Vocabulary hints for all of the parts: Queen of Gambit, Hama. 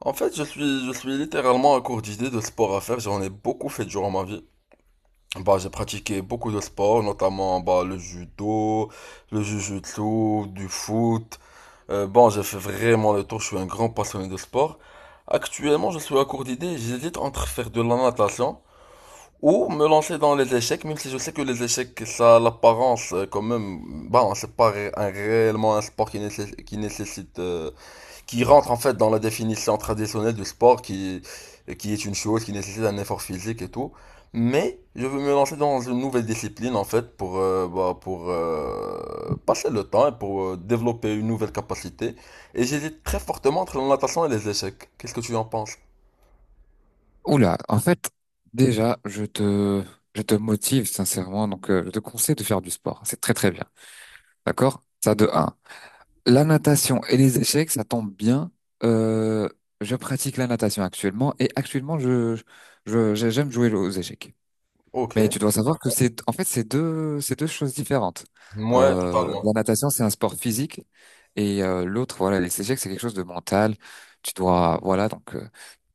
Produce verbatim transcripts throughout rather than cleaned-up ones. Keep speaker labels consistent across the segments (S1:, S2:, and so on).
S1: En fait, je suis, je suis littéralement à court d'idées de sport à faire. J'en ai beaucoup fait durant ma vie. Bah, j'ai pratiqué beaucoup de sports, notamment bah, le judo, le jujutsu, du foot. Euh, bon, j'ai fait vraiment le tour. Je suis un grand passionné de sport. Actuellement, je suis à court d'idées. J'hésite entre faire de la natation ou me lancer dans les échecs, même si je sais que les échecs, ça a l'apparence euh, quand même. Bah, c'est pas ré- un- réellement un sport qui nécessite, qui nécessite euh, qui rentre en fait dans la définition traditionnelle du sport, qui, qui est une chose qui nécessite un effort physique et tout. Mais je veux me lancer dans une nouvelle discipline en fait pour, euh, bah, pour euh, passer le temps et pour euh, développer une nouvelle capacité. Et j'hésite très fortement entre la natation et les échecs. Qu'est-ce que tu en penses?
S2: Oula, en fait, déjà, je te, je te motive sincèrement, donc, euh, je te conseille de faire du sport. C'est très très bien, d'accord? Ça de un. La natation et les échecs, ça tombe bien. Euh, je pratique la natation actuellement et actuellement, je, je, je- j'aime jouer aux échecs.
S1: Ok.
S2: Mais tu dois savoir que c'est, en fait, c'est deux, c'est deux choses différentes.
S1: Ouais,
S2: Euh, la
S1: totalement.
S2: natation, c'est un sport physique et euh, l'autre, voilà, les échecs, c'est quelque chose de mental. Tu dois, voilà, donc. euh,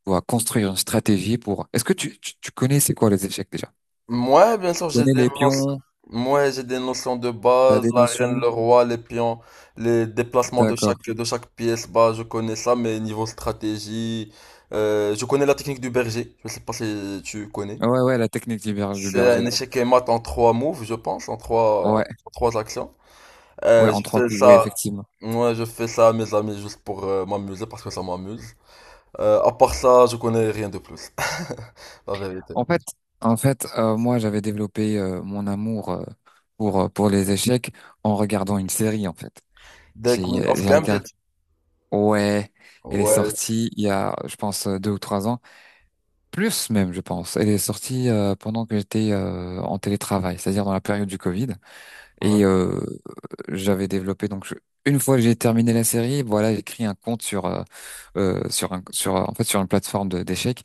S2: dois construire une stratégie pour. Est-ce que tu, tu, tu connais c'est quoi les échecs déjà? Tu
S1: Moi, bien sûr, j'ai
S2: connais
S1: des
S2: les
S1: notions.
S2: pions?
S1: Moi, j'ai des notions de
S2: T'as
S1: base,
S2: des
S1: la reine,
S2: notions?
S1: le roi, les pions, les déplacements de chaque
S2: D'accord.
S1: de chaque pièce. Bah, je connais ça, mais niveau stratégie, euh, je connais la technique du berger. Je sais pas si tu connais.
S2: Ouais, ouais, la technique du, ber- du
S1: C'est un
S2: berger.
S1: échec et mat en trois moves, je pense, en trois
S2: Ouais,
S1: en trois actions.
S2: ouais,
S1: Euh,
S2: en
S1: je
S2: trois
S1: fais
S2: coups, ouais,
S1: ça.
S2: effectivement.
S1: Moi, je fais ça à mes amis juste pour euh, m'amuser parce que ça m'amuse. Euh, à part ça, je connais rien de plus, la vérité.
S2: En fait, en fait, euh, moi, j'avais développé euh, mon amour euh, pour euh, pour les échecs en regardant une série, en fait.
S1: Des
S2: J'ai
S1: Queen
S2: euh,
S1: of
S2: j'ai regardé.
S1: Gambit.
S2: Ouais, elle est
S1: Ouais,
S2: sortie il y a, je pense, euh, deux ou trois ans, plus même, je pense. Elle est sortie euh, pendant que j'étais euh, en télétravail, c'est-à-dire dans la période du Covid. Et euh, j'avais développé donc. Je- une fois que j'ai terminé la série, voilà, j'ai créé un compte sur euh, euh, sur un sur en fait sur une plateforme de- d'échecs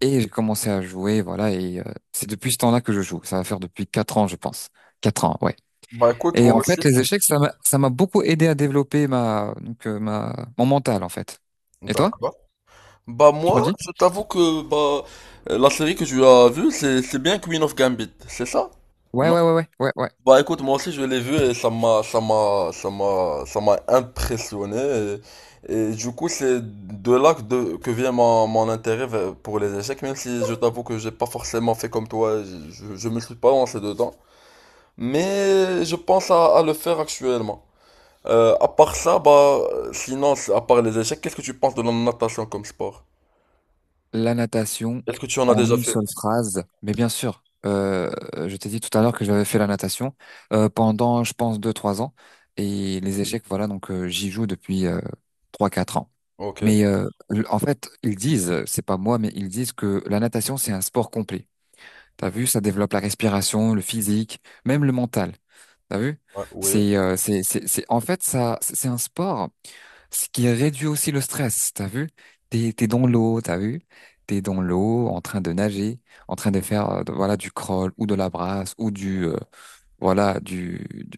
S2: et j'ai commencé à jouer, voilà, et euh, c'est depuis ce temps-là que je joue. Ça va faire depuis quatre ans, je pense. Quatre ans, ouais.
S1: Bah écoute,
S2: Et
S1: moi
S2: en
S1: aussi.
S2: fait, les échecs, ça m'a ça m'a beaucoup aidé à développer ma donc euh, ma mon mental en fait. Et toi,
S1: D'accord. Bah
S2: tu m'as
S1: moi,
S2: dit?
S1: je t'avoue que bah euh, la série que tu as vue, c'est c'est bien Queen of Gambit, c'est ça?
S2: Ouais,
S1: Non?
S2: ouais, ouais, ouais, ouais, ouais.
S1: Bah écoute, moi aussi je l'ai vue et ça m'a ça m'a ça m'a ça m'a impressionné et, et du coup c'est de là que, de- que vient mon, mon intérêt vers- pour les échecs, même si je t'avoue que j'ai pas forcément fait comme toi, je, je, je me suis pas lancé dedans, mais je pense à à le faire actuellement. Euh, à part ça, bah, sinon, c'est- à part les échecs, qu'est-ce que tu penses de la natation comme sport?
S2: La natation
S1: Est-ce que tu en as
S2: en
S1: déjà
S2: une
S1: fait?
S2: seule phrase, mais bien sûr, euh, je t'ai dit tout à l'heure que j'avais fait la natation euh, pendant, je pense, deux, trois ans. Et les échecs, voilà, donc euh, j'y joue depuis euh, trois, quatre ans.
S1: Ok.
S2: Mais euh, l- en fait, ils disent, c'est pas moi, mais ils disent que la natation, c'est un sport complet. T'as vu, ça développe la respiration, le physique, même le mental. T'as vu?
S1: Ouais, oui.
S2: C'est, euh, c'est, c'est, c'est, en fait, ça, c'est c'est un sport, ce qui réduit aussi le stress. T'as vu? T'es, t'es dans l'eau, t'as vu? T'es dans l'eau, en train de nager, en train de faire, euh, de- voilà, du crawl ou de la brasse ou du, euh, voilà, du, du,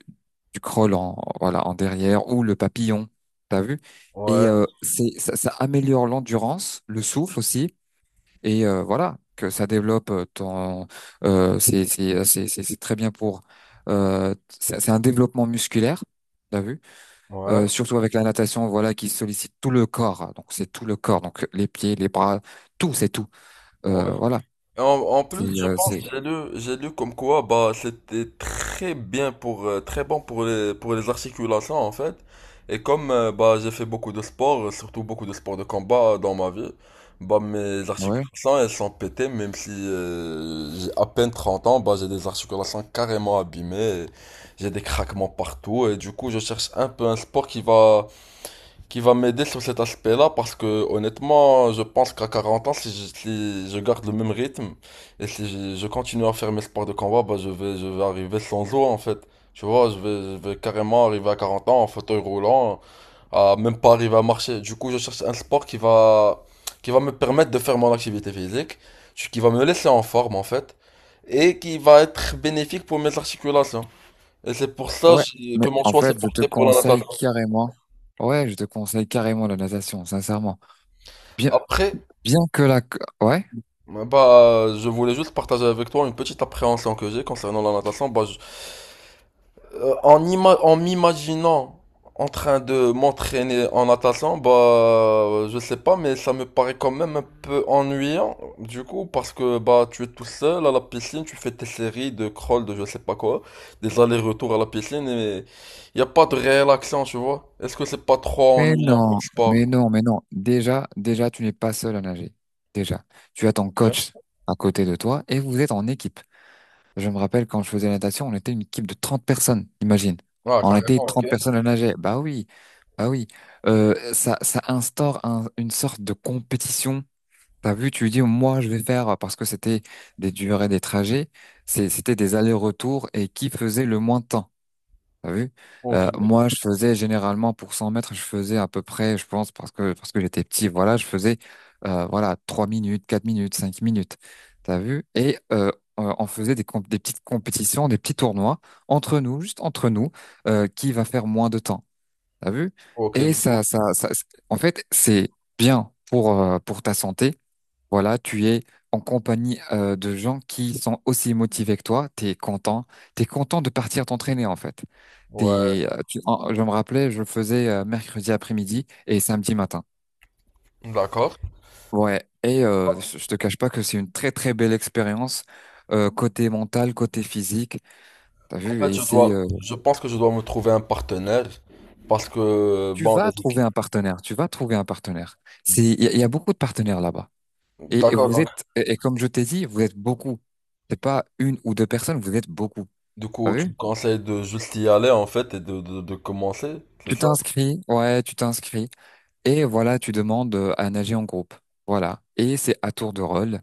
S2: du crawl en, voilà, en derrière ou le papillon. T'as vu? Et
S1: Ouais.
S2: euh, c'est, ça, ça améliore l'endurance, le souffle aussi et euh, voilà que ça développe euh, ton, euh, c'est c'est c'est c'est c'est très bien pour, euh, c'est c'est un développement musculaire, t'as vu.
S1: Ouais.
S2: Euh, surtout avec la natation, voilà, qui sollicite tout le corps, donc c'est tout le corps, donc les pieds, les bras, tout c'est tout.
S1: Ouais.
S2: Euh, voilà,
S1: En, en
S2: c'est
S1: plus, je
S2: euh,
S1: pense,
S2: c'est
S1: que j'ai lu, j'ai lu comme quoi, bah, c'était très bien pour, euh, très bon pour les, pour les articulations, en fait. Et comme, euh, bah, j'ai fait beaucoup de sport, euh, surtout beaucoup de sport de combat euh, dans ma vie, bah, mes
S2: ouais,
S1: articulations, elles sont pétées, même si, euh, j'ai à peine trente ans, bah, j'ai des articulations carrément abîmées, et j'ai des craquements partout, et du coup, je cherche un peu un sport qui va, qui va m'aider sur cet aspect-là parce que honnêtement, je pense qu'à 40 ans, si je, si je garde le même rythme et si je, je continue à faire mes sports de combat, bah, je vais, je vais arriver sans os en fait. Tu vois, je vais, je vais carrément arriver à 40 ans en fauteuil roulant, à même pas arriver à marcher. Du coup, je cherche un sport qui va, qui va me permettre de faire mon activité physique, qui va me laisser en forme en fait, et qui va être bénéfique pour mes articulations. Et c'est pour ça
S2: ouais,
S1: j'ai-
S2: mais
S1: que mon
S2: en
S1: choix s'est
S2: fait je te
S1: porté pour la
S2: conseille
S1: natation.
S2: carrément, ouais, je te conseille carrément la natation, sincèrement, bien,
S1: Après,
S2: bien que la, ouais.
S1: Ouais, Bah, euh, je voulais juste partager avec toi une petite appréhension que j'ai concernant la natation. Bah, je- euh, en ima- en m'imaginant en train de m'entraîner en natation, bah, euh, je sais pas, mais ça me paraît quand même un peu ennuyant, du coup, parce que bah, tu es tout seul à la piscine, tu fais tes séries de crawl, de je sais pas quoi, des allers-retours à la piscine, et il a pas de réelle action, tu vois. Est-ce que c'est pas trop
S2: Mais
S1: ennuyant comme
S2: non,
S1: sport?
S2: mais non, mais non. Déjà, déjà, tu n'es pas seul à nager. Déjà, tu as ton
S1: Ok.
S2: coach à côté de toi et vous êtes en équipe. Je me rappelle quand je faisais la natation, on était une équipe de trente personnes, imagine.
S1: Ah,
S2: On était
S1: carrément, ok.
S2: trente personnes à nager. Bah oui, bah oui. Euh, ça, ça instaure un- une sorte de compétition. T'as vu, tu dis, moi, je vais faire parce que c'était des durées, des trajets. C'est- C'était des allers-retours et qui faisait le moins de temps. T'as vu?
S1: Ok.
S2: Euh, moi, je faisais généralement pour cent mètres, je faisais à peu près, je pense, parce que parce que j'étais petit, voilà, je faisais, euh, voilà, trois minutes, quatre minutes, cinq minutes. T'as vu? Et euh, euh, on faisait des, comp- des petites compétitions, des petits tournois entre nous, juste entre nous, euh, qui va faire moins de temps. T'as vu?
S1: Ok,
S2: Et
S1: du coup.
S2: ça, ça, ça, en fait, c'est bien pour, euh, pour ta santé. Voilà, tu es en compagnie, euh, de gens qui sont aussi motivés que toi. T'es content, t'es content de partir t'entraîner en fait.
S1: Ouais,
S2: T'es- euh, tu- en- je me rappelais, je le faisais euh, mercredi après-midi et samedi matin.
S1: d'accord.
S2: Ouais, et euh, je je te cache pas que c'est une très très belle expérience, euh, côté mental, côté physique. T'as
S1: En
S2: vu,
S1: fait,
S2: et
S1: je
S2: c'est
S1: dois,
S2: euh,
S1: je pense que je dois me trouver un partenaire parce que,
S2: tu
S1: bon, les
S2: vas
S1: équipes-
S2: trouver un partenaire, tu vas trouver un partenaire. C'est il y, a il y a beaucoup de partenaires là-bas. Et, et
S1: D'accord,
S2: vous
S1: donc,
S2: êtes, et, et comme je t'ai dit, vous êtes beaucoup. C'est pas une ou deux personnes, vous êtes beaucoup.
S1: du
S2: T'as
S1: coup, tu me
S2: vu?
S1: conseilles de juste y aller en fait et de, de, de commencer, c'est
S2: Tu
S1: ça?
S2: t'inscris, ouais, tu t'inscris. Et voilà, tu demandes, euh, à nager en groupe. Voilà. Et c'est à tour de rôle.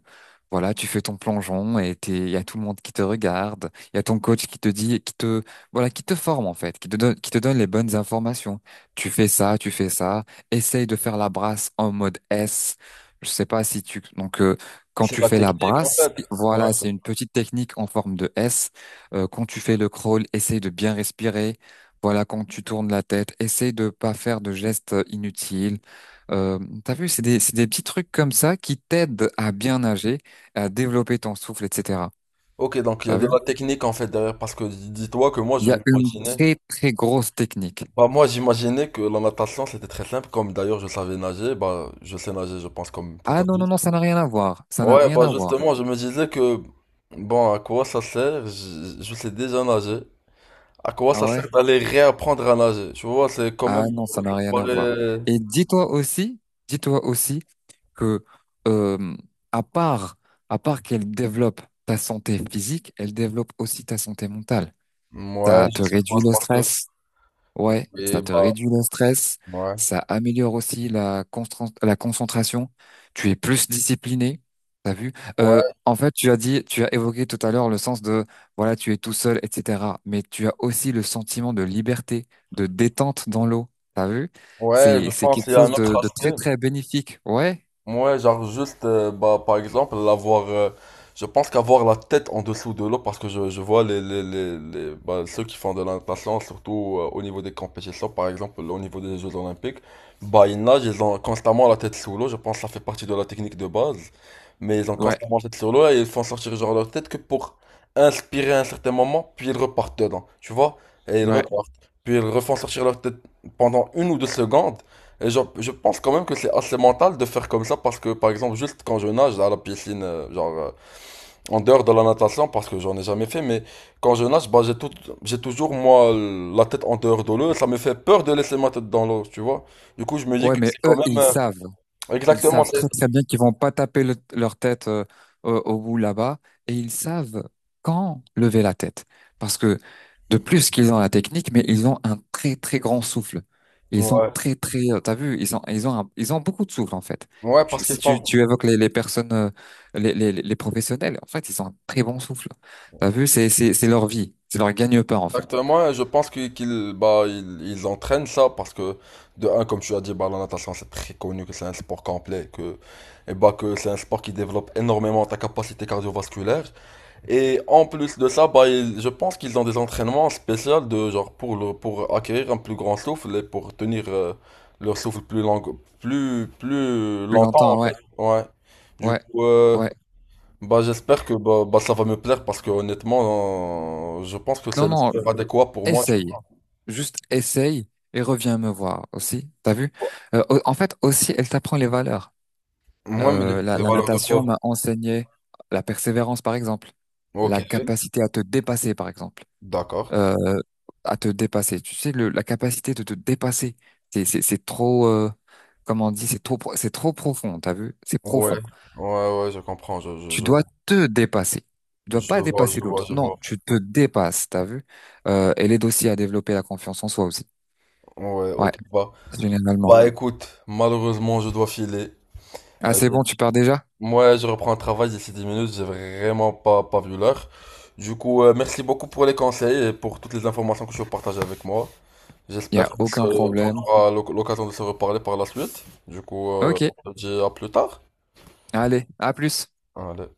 S2: Voilà, tu fais ton plongeon et t'es- il y a tout le monde qui te regarde. Il y a ton coach qui te dit, qui te, voilà, qui te forme en fait, qui te donne, qui te donne les bonnes informations. Tu fais ça, tu fais ça. Essaye de faire la brasse en mode S. Je sais pas si tu, donc, euh, quand
S1: C'est
S2: tu
S1: la
S2: fais la
S1: technique en
S2: brasse,
S1: fait.
S2: voilà,
S1: Ouais.
S2: c'est une petite technique en forme de S. Euh, quand tu fais le crawl, essaye de bien respirer. Voilà, quand tu tournes la tête, essaye de pas faire de gestes, euh, inutiles. Euh, T'as vu, c'est des, c'est des petits trucs comme ça qui t'aident à bien nager, à développer ton souffle, et cetera.
S1: Ok, donc il y a
S2: T'as
S1: de
S2: vu?
S1: la technique en fait derrière parce que dis- dis-toi que moi
S2: Il
S1: je
S2: y a une
S1: m'imaginais.
S2: très, très grosse technique.
S1: Bah, moi j'imaginais que la natation c'était très simple, comme d'ailleurs je savais nager, bah, je sais nager, je pense, comme tout
S2: Ah non, non,
S1: adulte.
S2: non, ça n'a rien à voir. Ça n'a
S1: Ouais,
S2: rien
S1: bah
S2: à voir.
S1: justement, je me disais que, bon, à quoi ça sert? Je, je sais déjà nager. À quoi
S2: Ah
S1: ça sert
S2: ouais?
S1: d'aller réapprendre à nager? Tu vois, c'est quand
S2: Ah
S1: même
S2: non, ça n'a rien
S1: pour
S2: à voir.
S1: les-
S2: Et dis-toi aussi, dis-toi aussi que, euh, à part, à part qu'elle développe ta santé physique, elle développe aussi ta santé mentale.
S1: Ouais,
S2: Ça
S1: je
S2: te
S1: sais pas,
S2: réduit
S1: c'est
S2: le
S1: parce que...
S2: stress, ouais,
S1: Et
S2: ça te
S1: bah,
S2: réduit le stress,
S1: ouais.
S2: ça améliore aussi la constra- la concentration, tu es plus discipliné, t'as vu? Euh,
S1: Ouais,
S2: en fait, tu as dit, tu as évoqué tout à l'heure le sens de, voilà, tu es tout seul, et cetera. Mais tu as aussi le sentiment de liberté, de détente dans l'eau, t'as vu?
S1: ouais, je
S2: C'est, c'est
S1: pense
S2: quelque
S1: qu'il y a un
S2: chose
S1: autre
S2: de, de, très,
S1: aspect.
S2: très bénéfique. Ouais,
S1: Ouais, genre juste, euh, bah, par exemple, l'avoir, euh, je pense qu'avoir la tête en dessous de l'eau, parce que je, je vois les, les, les, les- bah, ceux qui font de la natation, surtout euh, au niveau des compétitions, par exemple, au niveau des Jeux Olympiques, bah, ils nagent, ils ont constamment la tête sous l'eau, je pense que ça fait partie de la technique de base, mais ils ont
S2: ouais,
S1: constamment la tête sous l'eau et ils font sortir genre leur tête que pour inspirer à un certain moment, puis ils repartent dedans, tu vois, et ils
S2: ouais,
S1: repartent, puis ils refont sortir leur tête pendant une ou deux secondes, et genre, je pense quand même que c'est assez mental de faire comme ça parce que, par exemple, juste quand je nage à la piscine, euh, genre, euh, en dehors de la natation, parce que j'en ai jamais fait, mais quand je nage, bah, j'ai tout, j'ai toujours, moi, la tête en dehors de l'eau, ça me fait peur de laisser ma tête dans l'eau, tu vois. Du coup, je me dis
S2: ouais,
S1: que
S2: mais
S1: c'est
S2: eux,
S1: quand même,
S2: ils
S1: euh,
S2: savent. Ils
S1: exactement,
S2: savent très
S1: c'est,
S2: très bien qu'ils vont pas taper le- leur tête, euh, au, au bout là-bas et ils savent quand lever la tête. Parce que de plus qu'ils ont la technique, mais ils ont un très très grand souffle. Ils ont
S1: ouais.
S2: très très, euh, t'as vu, ils ont ils ont un- ils ont beaucoup de souffle en fait.
S1: Ouais,
S2: Tu-
S1: parce que
S2: Si tu, tu évoques les, les personnes, euh, les, les, les professionnels, en fait, ils ont un très bon souffle. T'as vu, c'est c'est c'est leur vie, c'est leur gagne-pain en fait.
S1: Exactement, et je pense qu'ils qu'ils- bah, ils, ils entraînent ça parce que, de un, comme tu as dit, bah, la natation c'est très connu que c'est un sport complet, que, et bah, que c'est un sport qui développe énormément ta capacité cardiovasculaire. Et en plus de ça, bah, ils- je pense qu'ils ont des entraînements spéciaux de, genre, pour, le, pour acquérir un plus grand souffle et pour tenir euh, leur souffle plus long, plus, plus
S2: Plus
S1: longtemps en
S2: longtemps, ouais,
S1: fait. Ouais. Du
S2: ouais,
S1: coup, euh,
S2: ouais.
S1: bah, j'espère que bah, bah, ça va me plaire parce que honnêtement, euh, je pense que c'est
S2: Non,
S1: le
S2: non,
S1: sport adéquat pour moi, tu
S2: essaye.
S1: vois.
S2: Juste essaye et reviens me voir aussi. T'as vu? Euh, au- en fait, aussi, elle t'apprend les valeurs.
S1: Moi, mais
S2: Euh,
S1: les,
S2: la,
S1: les
S2: la
S1: valeurs de
S2: natation
S1: quoi?
S2: m'a enseigné la persévérance, par exemple.
S1: Ok,
S2: La capacité à te dépasser, par exemple.
S1: d'accord.
S2: Euh, à te dépasser. Tu sais, le, la capacité de te dépasser, c'est, c'est, c'est trop, euh, comment on dit, c'est trop, pro- c'est trop profond, t'as vu? C'est
S1: Ouais,
S2: profond.
S1: ouais, ouais, je comprends, je, je,
S2: Tu
S1: je,
S2: dois te dépasser. Tu dois
S1: je
S2: pas
S1: vois,
S2: dépasser
S1: je vois,
S2: l'autre.
S1: je
S2: Non,
S1: vois.
S2: tu te dépasses, t'as vu? Euh, elle aide aussi à développer la confiance en soi aussi.
S1: Ouais,
S2: Ouais.
S1: ok, bah.
S2: Généralement.
S1: Bah, écoute, malheureusement, je dois filer.
S2: Ah,
S1: Euh,
S2: c'est
S1: j'ai-
S2: bon, tu pars déjà?
S1: Moi, je reprends le travail d'ici dix minutes, j'ai vraiment pas, pas vu l'heure. Du coup, euh, merci beaucoup pour les conseils et pour toutes les informations que tu as partagées avec moi.
S2: Il n'y
S1: J'espère
S2: a
S1: qu'on
S2: aucun
S1: se- qu'on
S2: problème.
S1: aura l'oc- l'occasion de se reparler par la suite. Du coup, euh,
S2: Ok,
S1: on se dit à plus tard.
S2: allez, à plus.
S1: Allez.